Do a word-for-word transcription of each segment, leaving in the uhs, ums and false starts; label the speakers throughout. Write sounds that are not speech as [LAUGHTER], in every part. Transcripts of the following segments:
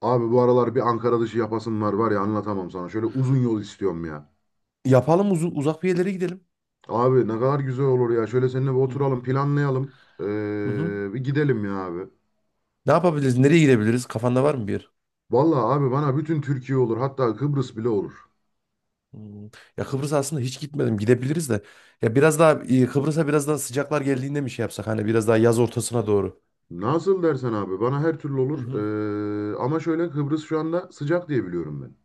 Speaker 1: Abi bu aralar bir Ankara dışı yapasım var var ya anlatamam sana. Şöyle uzun yol istiyorum ya.
Speaker 2: Yapalım uzu- uzak bir yerlere gidelim.
Speaker 1: Abi ne kadar güzel olur ya. Şöyle seninle bir
Speaker 2: Hı hı.
Speaker 1: oturalım planlayalım.
Speaker 2: Hı hı.
Speaker 1: Ee, bir gidelim ya abi.
Speaker 2: Ne yapabiliriz? Nereye gidebiliriz? Kafanda var mı bir yer?
Speaker 1: Vallahi abi bana bütün Türkiye olur. Hatta Kıbrıs bile olur.
Speaker 2: Hmm. Ya Kıbrıs aslında hiç gitmedim. Gidebiliriz de. Ya biraz daha e, Kıbrıs'a biraz daha sıcaklar geldiğinde mi şey yapsak? Hani biraz daha yaz ortasına doğru.
Speaker 1: Nasıl dersen abi bana her türlü
Speaker 2: Hı
Speaker 1: olur.
Speaker 2: hı.
Speaker 1: Ee, ama şöyle Kıbrıs şu anda sıcak diye biliyorum ben.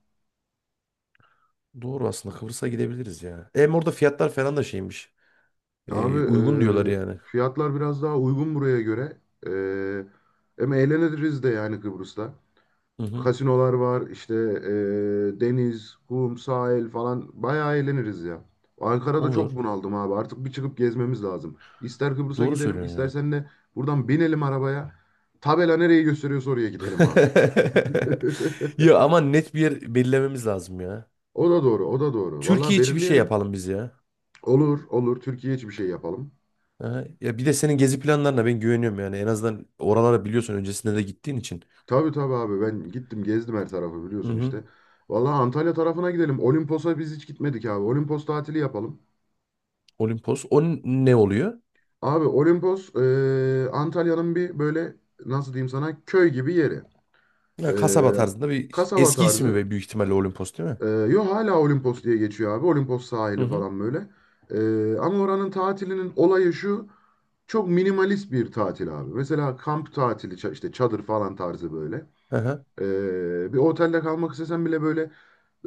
Speaker 2: Doğru aslında Kıbrıs'a gidebiliriz ya. Hem orada fiyatlar falan da şeymiş.
Speaker 1: Abi
Speaker 2: E, uygun diyorlar
Speaker 1: ee,
Speaker 2: yani.
Speaker 1: fiyatlar biraz daha uygun buraya göre. Ee, Hem eğleniriz de yani Kıbrıs'ta.
Speaker 2: Hı hı.
Speaker 1: Kasinolar var işte e, deniz, kum, sahil falan bayağı eğleniriz ya. Ankara'da çok
Speaker 2: Olur.
Speaker 1: bunaldım abi artık bir çıkıp gezmemiz lazım. İster Kıbrıs'a
Speaker 2: Doğru
Speaker 1: gidelim
Speaker 2: söylüyorsun ya.
Speaker 1: istersen de buradan binelim arabaya. Tabela nereyi gösteriyorsa oraya gidelim abi.
Speaker 2: [LAUGHS]
Speaker 1: [LAUGHS]
Speaker 2: Ya ama net bir yer belirlememiz lazım ya.
Speaker 1: O da doğru o da doğru. Valla
Speaker 2: Türkiye içi bir şey
Speaker 1: belirleyelim.
Speaker 2: yapalım biz ya.
Speaker 1: Olur olur Türkiye için bir şey yapalım.
Speaker 2: Ha, ya bir de senin gezi planlarına ben güveniyorum yani. En azından oralara biliyorsun öncesinde de gittiğin için.
Speaker 1: Tabii tabii abi ben gittim gezdim her tarafı
Speaker 2: Hı
Speaker 1: biliyorsun
Speaker 2: hı.
Speaker 1: işte. Valla Antalya tarafına gidelim. Olimpos'a biz hiç gitmedik abi. Olimpos tatili yapalım.
Speaker 2: Olimpos. O n- ne oluyor?
Speaker 1: Abi Olimpos e, Antalya'nın bir böyle nasıl diyeyim sana köy gibi yeri. E,
Speaker 2: Ya kasaba tarzında bir
Speaker 1: Kasaba
Speaker 2: eski ismi
Speaker 1: tarzı.
Speaker 2: ve büyük ihtimalle Olimpos değil mi?
Speaker 1: E, yo hala Olimpos diye geçiyor abi. Olimpos
Speaker 2: Hı
Speaker 1: sahili
Speaker 2: hı.
Speaker 1: falan böyle. E, Ama oranın tatilinin olayı şu. Çok minimalist bir tatil abi. Mesela kamp tatili ça- işte çadır falan tarzı böyle.
Speaker 2: Hı hı.
Speaker 1: E, bir otelde kalmak istesen bile böyle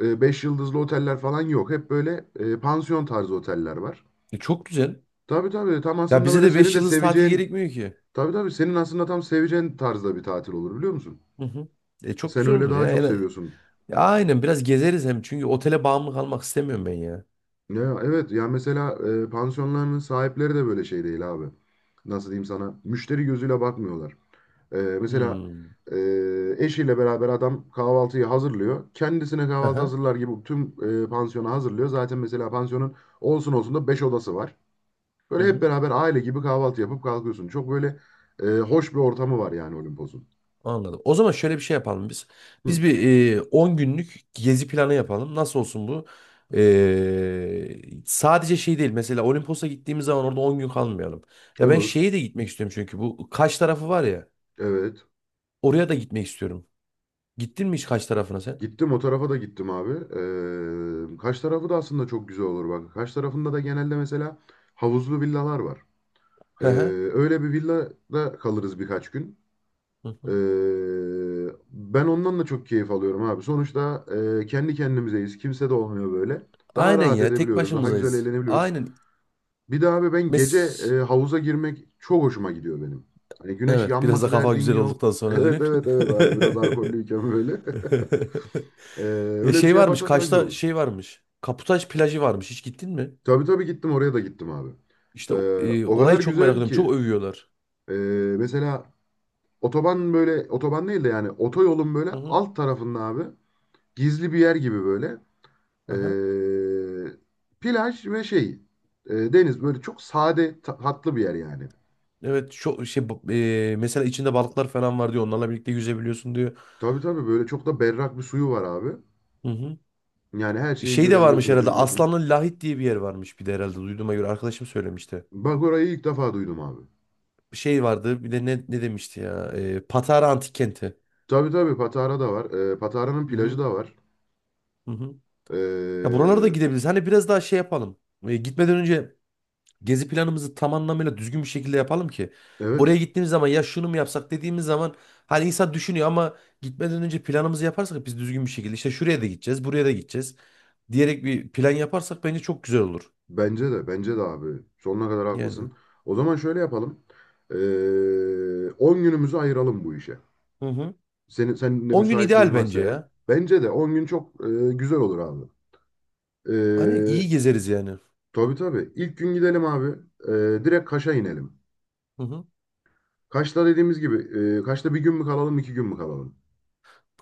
Speaker 1: e, beş yıldızlı oteller falan yok. Hep böyle e, pansiyon tarzı oteller var.
Speaker 2: E, çok güzel.
Speaker 1: Tabii tabii tam
Speaker 2: Ya
Speaker 1: aslında
Speaker 2: bize
Speaker 1: böyle
Speaker 2: de
Speaker 1: seni
Speaker 2: beş
Speaker 1: de
Speaker 2: yıldız tatil
Speaker 1: seveceğin.
Speaker 2: gerekmiyor ki.
Speaker 1: Tabii tabii senin aslında tam seveceğin tarzda bir tatil olur biliyor musun?
Speaker 2: Hı hı. E, çok
Speaker 1: Sen
Speaker 2: güzel
Speaker 1: öyle
Speaker 2: olur
Speaker 1: daha
Speaker 2: ya.
Speaker 1: çok
Speaker 2: En-
Speaker 1: seviyorsun.
Speaker 2: ya aynen biraz gezeriz hem çünkü otele bağımlı kalmak istemiyorum ben ya.
Speaker 1: Ya evet ya mesela e, pansiyonların sahipleri de böyle şey değil abi. Nasıl diyeyim sana? Müşteri gözüyle bakmıyorlar. E, mesela
Speaker 2: Hmm.
Speaker 1: e, eşiyle beraber adam kahvaltıyı hazırlıyor. Kendisine
Speaker 2: Hı
Speaker 1: kahvaltı
Speaker 2: hı.
Speaker 1: hazırlar gibi tüm e, pansiyonu hazırlıyor. Zaten mesela pansiyonun olsun olsun da beş odası var.
Speaker 2: Hı
Speaker 1: Böyle hep
Speaker 2: hı.
Speaker 1: beraber aile gibi kahvaltı yapıp kalkıyorsun. Çok böyle e, hoş bir ortamı var yani Olimpos'un.
Speaker 2: Anladım. O zaman şöyle bir şey yapalım biz.
Speaker 1: Hı,
Speaker 2: Biz bir e, on günlük gezi planı yapalım. Nasıl olsun bu? E, sadece şey değil. Mesela Olimpos'a gittiğimiz zaman orada on gün kalmayalım. Ya ben
Speaker 1: olur.
Speaker 2: şeye de gitmek istiyorum çünkü bu Kaş tarafı var ya.
Speaker 1: Evet.
Speaker 2: Oraya da gitmek istiyorum. Gittin mi hiç Kaş tarafına sen?
Speaker 1: Gittim o tarafa da gittim abi. Ee, Kaş tarafı da aslında çok güzel olur bak. Kaş tarafında da genelde mesela havuzlu villalar var. Ee,
Speaker 2: Hı hı.
Speaker 1: Öyle bir villada kalırız birkaç gün.
Speaker 2: Hı
Speaker 1: Ee,
Speaker 2: hı.
Speaker 1: ben ondan da çok keyif alıyorum abi. Sonuçta e, kendi kendimizeyiz. Kimse de olmuyor böyle. Daha
Speaker 2: Aynen
Speaker 1: rahat
Speaker 2: ya. Tek
Speaker 1: edebiliyoruz. Daha güzel
Speaker 2: başımızayız.
Speaker 1: eğlenebiliyoruz.
Speaker 2: Aynen.
Speaker 1: Bir de abi ben gece
Speaker 2: Mes
Speaker 1: e, havuza girmek çok hoşuma gidiyor benim. Hani güneş
Speaker 2: Evet, biraz da
Speaker 1: yanması
Speaker 2: kafa
Speaker 1: derdin
Speaker 2: güzel
Speaker 1: yok.
Speaker 2: olduktan
Speaker 1: [LAUGHS]
Speaker 2: sonra
Speaker 1: Evet
Speaker 2: diyor.
Speaker 1: evet evet abi biraz alkollüyken böyle. [LAUGHS]
Speaker 2: [LAUGHS]
Speaker 1: Ee,
Speaker 2: Ya
Speaker 1: Öyle bir
Speaker 2: şey
Speaker 1: şey
Speaker 2: varmış,
Speaker 1: yaparsak daha güzel
Speaker 2: Kaş'ta
Speaker 1: olur.
Speaker 2: şey varmış. Kaputaş plajı varmış. Hiç gittin mi?
Speaker 1: Tabii tabii gittim oraya da gittim abi. Ee,
Speaker 2: İşte e,
Speaker 1: O kadar
Speaker 2: orayı çok merak
Speaker 1: güzel
Speaker 2: ediyorum.
Speaker 1: ki
Speaker 2: Çok övüyorlar.
Speaker 1: ee, mesela otoban böyle otoban değil de yani otoyolun böyle
Speaker 2: Hı hı.
Speaker 1: alt tarafında abi gizli bir yer gibi böyle
Speaker 2: Aha.
Speaker 1: ee, plaj ve şey ee, deniz böyle çok sade ta- tatlı bir yer yani.
Speaker 2: Evet, çok şey ba- e, mesela içinde balıklar falan var diyor. Onlarla birlikte yüzebiliyorsun diyor.
Speaker 1: Tabii tabii böyle çok da berrak bir suyu var abi.
Speaker 2: Hı hı.
Speaker 1: Yani her
Speaker 2: E,
Speaker 1: şeyi
Speaker 2: Şey de varmış
Speaker 1: görebiliyorsun
Speaker 2: herhalde.
Speaker 1: edebiliyorsun.
Speaker 2: Aslanlı Lahit diye bir yer varmış bir de herhalde. Duyduğuma göre arkadaşım söylemişti.
Speaker 1: Bak orayı ilk defa duydum abi.
Speaker 2: Şey vardı. Bir de ne ne demişti ya? E, Patara Antik Kenti.
Speaker 1: Tabii tabii Patara da var. Ee, Patara'nın
Speaker 2: Hı
Speaker 1: plajı
Speaker 2: hı.
Speaker 1: da var.
Speaker 2: Hı hı. Ya buralara da
Speaker 1: Ee,
Speaker 2: gidebiliriz. Hani biraz daha şey yapalım. E, gitmeden önce gezi planımızı tam anlamıyla düzgün bir şekilde yapalım ki oraya
Speaker 1: evet.
Speaker 2: gittiğimiz zaman ya şunu mu yapsak dediğimiz zaman hani insan düşünüyor ama gitmeden önce planımızı yaparsak biz düzgün bir şekilde işte şuraya da gideceğiz, buraya da gideceğiz diyerek bir plan yaparsak bence çok güzel olur.
Speaker 1: Bence de, bence de abi. Sonuna kadar
Speaker 2: Yani.
Speaker 1: haklısın. O zaman şöyle yapalım. Ee, on günümüzü ayıralım bu işe.
Speaker 2: Hı hı.
Speaker 1: Senin, senin de
Speaker 2: on gün
Speaker 1: müsaitliğin
Speaker 2: ideal
Speaker 1: varsa
Speaker 2: bence
Speaker 1: eğer.
Speaker 2: ya.
Speaker 1: Bence de on gün çok e, güzel olur abi.
Speaker 2: Hani iyi
Speaker 1: Ee,
Speaker 2: gezeriz yani.
Speaker 1: tabii tabii. İlk gün gidelim abi. Ee, direkt Kaş'a inelim.
Speaker 2: Hı hı.
Speaker 1: Kaş'ta dediğimiz gibi, e, Kaş'ta bir gün mü kalalım, iki gün mü kalalım?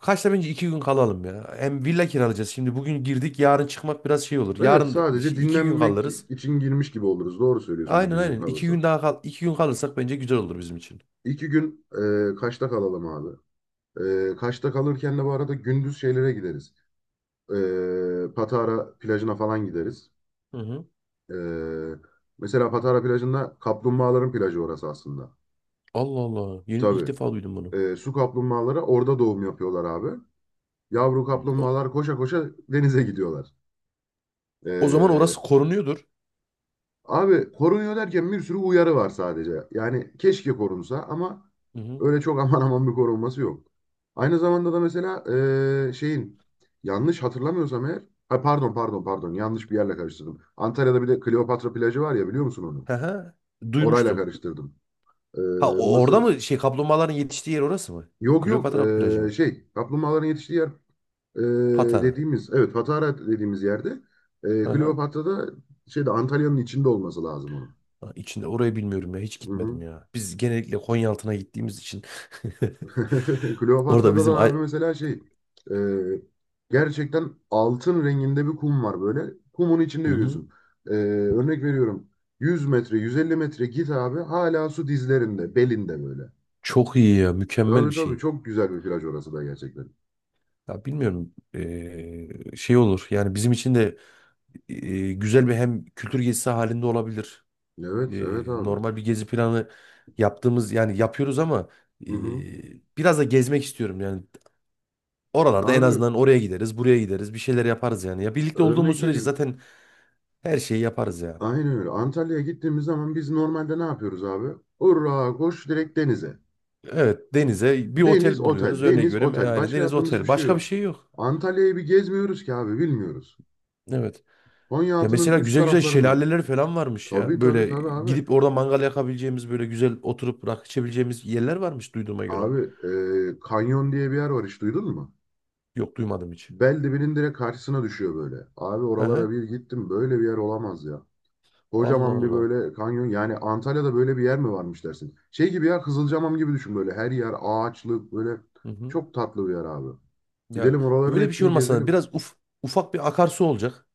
Speaker 2: Kaçta bence iki gün kalalım ya. Hem villa kiralayacağız. Şimdi bugün girdik, yarın çıkmak biraz şey olur.
Speaker 1: Evet,
Speaker 2: Yarın da
Speaker 1: sadece
Speaker 2: iki gün
Speaker 1: dinlenmek
Speaker 2: kalırız.
Speaker 1: için girmiş gibi oluruz. Doğru söylüyorsun bir
Speaker 2: Aynen,
Speaker 1: günlük
Speaker 2: aynen. iki
Speaker 1: kalırsa.
Speaker 2: gün daha kal iki gün kalırsak bence güzel olur bizim için.
Speaker 1: İki gün e, Kaş'ta kalalım abi. E, Kaş'ta kalırken de bu arada gündüz şeylere gideriz. e, Patara plajına falan gideriz.
Speaker 2: Hı hı.
Speaker 1: E, Mesela Patara plajında kaplumbağaların plajı orası aslında.
Speaker 2: Allah Allah. Yeni, ilk
Speaker 1: Tabii.
Speaker 2: defa duydum bunu.
Speaker 1: E, su kaplumbağaları orada doğum yapıyorlar abi. Yavru
Speaker 2: Hmm. O,
Speaker 1: kaplumbağalar koşa koşa denize gidiyorlar.
Speaker 2: o zaman
Speaker 1: E,
Speaker 2: orası korunuyordur.
Speaker 1: Abi korunuyor derken bir sürü uyarı var sadece. Yani keşke korunsa ama
Speaker 2: Hı hı.
Speaker 1: öyle çok [LAUGHS] aman aman bir korunması yok. Aynı zamanda da mesela eee, şeyin yanlış hatırlamıyorsam eğer ha, pardon pardon pardon yanlış bir yerle karıştırdım. Antalya'da bir de Kleopatra plajı var ya biliyor musun onu?
Speaker 2: Hı hı.
Speaker 1: Orayla
Speaker 2: Duymuştum.
Speaker 1: karıştırdım. Eee,
Speaker 2: Ha, o- orada
Speaker 1: Mısır
Speaker 2: mı şey kaplumbağaların yetiştiği yer orası mı?
Speaker 1: yok yok
Speaker 2: Kleopatra plajı
Speaker 1: eee,
Speaker 2: mı?
Speaker 1: şey kaplumbağaların yetiştiği yer eee,
Speaker 2: Patara.
Speaker 1: dediğimiz evet Patara dediğimiz yerde
Speaker 2: Hı
Speaker 1: eee
Speaker 2: hı.
Speaker 1: Kleopatra'da şeyde Antalya'nın içinde olması lazım onun.
Speaker 2: Ha, içinde orayı bilmiyorum ya. Hiç
Speaker 1: Hı
Speaker 2: gitmedim
Speaker 1: hı.
Speaker 2: ya. Biz genellikle Konyaaltı'na gittiğimiz için. [LAUGHS]
Speaker 1: [LAUGHS]
Speaker 2: Orada
Speaker 1: Kleopatra'da da
Speaker 2: bizim...
Speaker 1: abi
Speaker 2: ay-
Speaker 1: mesela şey e, gerçekten altın renginde bir kum var böyle. Kumun içinde
Speaker 2: Hı hı.
Speaker 1: yürüyorsun. E, Örnek veriyorum yüz metre yüz elli metre git abi hala su dizlerinde belinde böyle.
Speaker 2: Çok iyi ya. Mükemmel bir
Speaker 1: Tabii tabii
Speaker 2: şey.
Speaker 1: çok güzel bir plaj orası da gerçekten.
Speaker 2: Ya bilmiyorum. Ee, şey olur. Yani bizim için de ee, güzel bir hem kültür gezisi halinde olabilir.
Speaker 1: Evet evet
Speaker 2: E,
Speaker 1: abi.
Speaker 2: normal bir gezi planı yaptığımız yani yapıyoruz ama e,
Speaker 1: Hı hı.
Speaker 2: biraz da gezmek istiyorum yani. Oralarda en
Speaker 1: Abi
Speaker 2: azından oraya gideriz, buraya gideriz, bir şeyler yaparız yani. Ya birlikte olduğumuz
Speaker 1: örnek
Speaker 2: sürece
Speaker 1: vereyim.
Speaker 2: zaten her şeyi yaparız ya.
Speaker 1: Aynen öyle. Antalya'ya gittiğimiz zaman biz normalde ne yapıyoruz abi? Hurra koş direkt denize.
Speaker 2: Evet, denize bir
Speaker 1: Deniz,
Speaker 2: otel buluyoruz
Speaker 1: otel,
Speaker 2: örnek
Speaker 1: deniz,
Speaker 2: veriyorum.
Speaker 1: otel.
Speaker 2: Yani
Speaker 1: Başka
Speaker 2: deniz
Speaker 1: yaptığımız
Speaker 2: otel,
Speaker 1: hiçbir şey
Speaker 2: başka bir
Speaker 1: yok.
Speaker 2: şey yok.
Speaker 1: Antalya'yı bir gezmiyoruz ki abi bilmiyoruz.
Speaker 2: Evet. Ya
Speaker 1: Konyaaltı'nın
Speaker 2: mesela
Speaker 1: üst
Speaker 2: güzel güzel
Speaker 1: taraflarında.
Speaker 2: şelaleler falan varmış
Speaker 1: Tabii
Speaker 2: ya.
Speaker 1: tabii
Speaker 2: Böyle
Speaker 1: tabii abi.
Speaker 2: gidip orada mangal yakabileceğimiz böyle güzel oturup rakı içebileceğimiz yerler varmış duyduğuma göre.
Speaker 1: Abi e, Kanyon diye bir yer var hiç duydun mu?
Speaker 2: Yok, duymadım hiç.
Speaker 1: Beldibinin direkt karşısına düşüyor böyle. Abi
Speaker 2: Hı
Speaker 1: oralara
Speaker 2: hı.
Speaker 1: bir gittim böyle bir yer olamaz ya.
Speaker 2: Allah
Speaker 1: Kocaman bir
Speaker 2: Allah.
Speaker 1: böyle kanyon yani Antalya'da böyle bir yer mi varmış dersin. Şey gibi ya Kızılcamam gibi düşün böyle her yer ağaçlık böyle
Speaker 2: Hı hı.
Speaker 1: çok tatlı bir yer abi.
Speaker 2: Ya
Speaker 1: Gidelim oraların
Speaker 2: öyle bir şey
Speaker 1: hepsini
Speaker 2: olmasa
Speaker 1: gezelim.
Speaker 2: biraz uf, ufak bir akarsu olacak.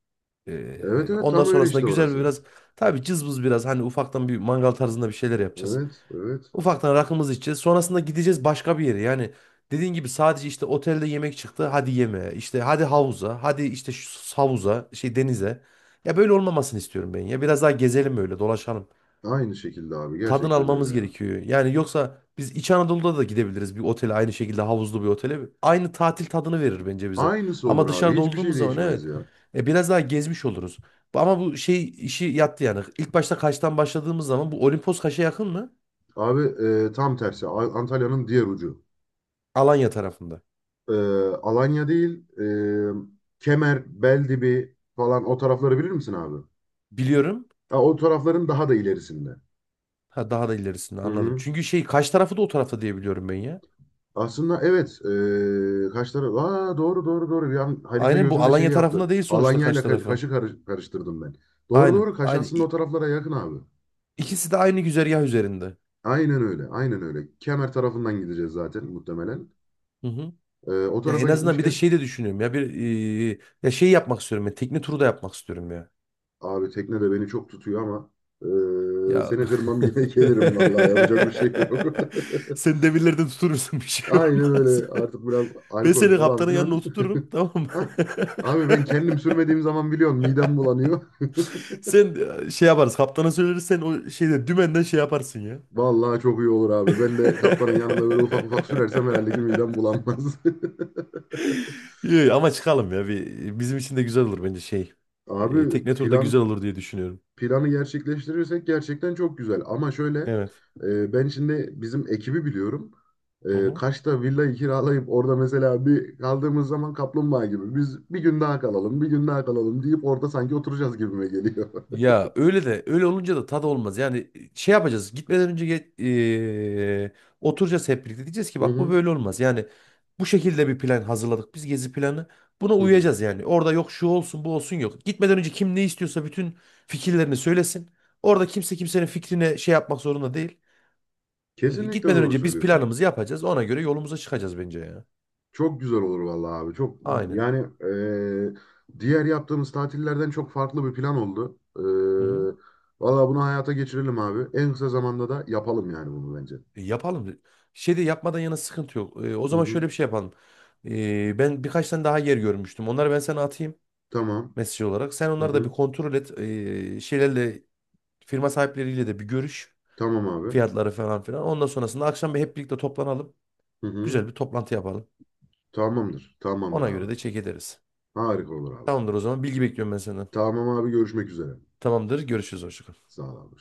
Speaker 1: Evet
Speaker 2: Ee,
Speaker 1: evet
Speaker 2: ondan
Speaker 1: tam öyle
Speaker 2: sonrasında
Speaker 1: işte
Speaker 2: güzel bir
Speaker 1: orası.
Speaker 2: biraz tabii cızbız biraz hani ufaktan bir mangal tarzında bir şeyler yapacağız.
Speaker 1: Evet, evet.
Speaker 2: Ufaktan rakımızı içeceğiz. Sonrasında gideceğiz başka bir yere. Yani dediğin gibi sadece işte otelde yemek çıktı. Hadi yemeğe. İşte hadi havuza. Hadi işte şu havuza, şey denize. Ya böyle olmamasını istiyorum ben ya. Biraz daha gezelim öyle, dolaşalım,
Speaker 1: Aynı şekilde abi.
Speaker 2: tadını
Speaker 1: Gerçekten öyle
Speaker 2: almamız
Speaker 1: ya.
Speaker 2: gerekiyor. Yani yoksa biz İç Anadolu'da da gidebiliriz bir otele aynı şekilde havuzlu bir otele. Aynı tatil tadını verir bence bize.
Speaker 1: Aynısı
Speaker 2: Ama
Speaker 1: olur abi.
Speaker 2: dışarıda
Speaker 1: Hiçbir şey
Speaker 2: olduğumuz zaman evet,
Speaker 1: değişmez ya.
Speaker 2: e, biraz daha gezmiş oluruz. Ama bu şey işi yattı yani. İlk başta Kaş'tan başladığımız zaman bu Olimpos Kaş'a yakın mı?
Speaker 1: Abi e, tam tersi. A- Antalya'nın diğer ucu.
Speaker 2: Alanya tarafında.
Speaker 1: E, Alanya değil, e, Kemer, Beldibi falan o tarafları bilir misin abi?
Speaker 2: Biliyorum.
Speaker 1: Ha, o tarafların daha da ilerisinde.
Speaker 2: Ha, daha da ilerisinde
Speaker 1: Hı
Speaker 2: anladım.
Speaker 1: hı.
Speaker 2: Çünkü şey Kaş tarafı da o tarafta diye biliyorum ben ya.
Speaker 1: Aslında evet. E, kaç taraf? Aa, doğru doğru doğru. Bir an harita
Speaker 2: Aynen, bu
Speaker 1: gözümde şey
Speaker 2: Alanya
Speaker 1: yaptı.
Speaker 2: tarafında değil sonuçta
Speaker 1: Alanya ile
Speaker 2: Kaş
Speaker 1: Ka-
Speaker 2: tarafı.
Speaker 1: Kaş'ı karış- karıştırdım ben. Doğru
Speaker 2: Aynen.
Speaker 1: doğru. Kaş
Speaker 2: Aynen.
Speaker 1: aslında o
Speaker 2: İ-
Speaker 1: taraflara yakın abi.
Speaker 2: İkisi de aynı güzergah üzerinde.
Speaker 1: Aynen öyle. Aynen öyle. Kemer tarafından gideceğiz zaten muhtemelen.
Speaker 2: Hı hı.
Speaker 1: Ee, o
Speaker 2: Ya en
Speaker 1: tarafa
Speaker 2: azından bir de
Speaker 1: gitmişken
Speaker 2: şey de düşünüyorum ya bir e, ya şey yapmak istiyorum ya tekne turu da yapmak istiyorum ya.
Speaker 1: abi tekne de beni çok tutuyor ama ee,
Speaker 2: Ya
Speaker 1: seni
Speaker 2: [LAUGHS]
Speaker 1: kırmam yine [LAUGHS] gelirim vallahi yapacak bir şey yok.
Speaker 2: sen demirlerden tuturursun bir
Speaker 1: [LAUGHS]
Speaker 2: şey
Speaker 1: Aynen
Speaker 2: olmaz.
Speaker 1: öyle.
Speaker 2: [LAUGHS]
Speaker 1: Artık biraz
Speaker 2: Ben
Speaker 1: alkol
Speaker 2: seni
Speaker 1: falan
Speaker 2: kaptanın yanına
Speaker 1: filan.
Speaker 2: oturturum, tamam mı?
Speaker 1: [LAUGHS] Hah. Abi ben kendim sürmediğim zaman biliyorsun midem bulanıyor.
Speaker 2: [LAUGHS] Sen e, şey yaparız kaptana söyleriz sen o şeyde dümenden şey yaparsın ya.
Speaker 1: [LAUGHS] Vallahi çok iyi olur abi. Ben de kaptanın yanında böyle ufak ufak sürersem herhalde ki midem bulanmaz.
Speaker 2: [LAUGHS] İyi, ama çıkalım ya bir, bizim için de güzel olur bence şey.
Speaker 1: [LAUGHS]
Speaker 2: E,
Speaker 1: Abi
Speaker 2: tekne turu da güzel
Speaker 1: plan
Speaker 2: olur diye düşünüyorum.
Speaker 1: planı gerçekleştirirsek gerçekten çok güzel. Ama şöyle
Speaker 2: Evet.
Speaker 1: e, ben şimdi bizim ekibi biliyorum.
Speaker 2: Hı
Speaker 1: E,
Speaker 2: hı.
Speaker 1: Kaş'ta villayı kiralayıp orada mesela bir kaldığımız zaman kaplumbağa gibi biz bir gün daha kalalım, bir gün daha kalalım deyip orada sanki oturacağız gibime geliyor.
Speaker 2: Ya öyle de öyle olunca da tadı olmaz. Yani şey yapacağız. Gitmeden önce ge- eee, oturacağız hep birlikte. Diyeceğiz ki
Speaker 1: [LAUGHS] Hı
Speaker 2: bak bu
Speaker 1: hı,
Speaker 2: böyle olmaz. Yani bu şekilde bir plan hazırladık. Biz gezi planı. Buna
Speaker 1: hı hı.
Speaker 2: uyacağız yani. Orada yok şu olsun bu olsun yok. Gitmeden önce kim ne istiyorsa bütün fikirlerini söylesin. Orada kimse kimsenin fikrine şey yapmak zorunda değil. Ee,
Speaker 1: Kesinlikle
Speaker 2: Gitmeden
Speaker 1: doğru
Speaker 2: önce biz
Speaker 1: söylüyorsun.
Speaker 2: planımızı yapacağız. Ona göre yolumuza çıkacağız bence ya.
Speaker 1: Çok güzel olur vallahi abi. Çok
Speaker 2: Aynen.
Speaker 1: yani e, diğer yaptığımız tatillerden çok farklı bir plan oldu. E, vallahi bunu hayata geçirelim abi. En kısa zamanda da yapalım yani bunu bence.
Speaker 2: E, Yapalım. Şey de yapmadan yana sıkıntı yok. E, o
Speaker 1: Hı
Speaker 2: zaman
Speaker 1: hı.
Speaker 2: şöyle bir şey yapalım. E, ben birkaç tane daha yer görmüştüm. Onları ben sana atayım
Speaker 1: Tamam.
Speaker 2: mesaj olarak. Sen
Speaker 1: Hı
Speaker 2: onları da bir
Speaker 1: hı.
Speaker 2: kontrol et. E, şeylerle firma sahipleriyle de bir görüş.
Speaker 1: Tamam abi.
Speaker 2: Fiyatları falan filan. Ondan sonrasında akşam bir hep birlikte toplanalım.
Speaker 1: Hı hı.
Speaker 2: Güzel bir toplantı yapalım.
Speaker 1: Tamamdır. Tamamdır
Speaker 2: Ona
Speaker 1: abi.
Speaker 2: göre de çek ederiz.
Speaker 1: Harika olur abi.
Speaker 2: Tamamdır o zaman. Bilgi bekliyorum ben senden.
Speaker 1: Tamam abi görüşmek üzere.
Speaker 2: Tamamdır. Görüşürüz. Hoşça kal.
Speaker 1: Sağ ol abi.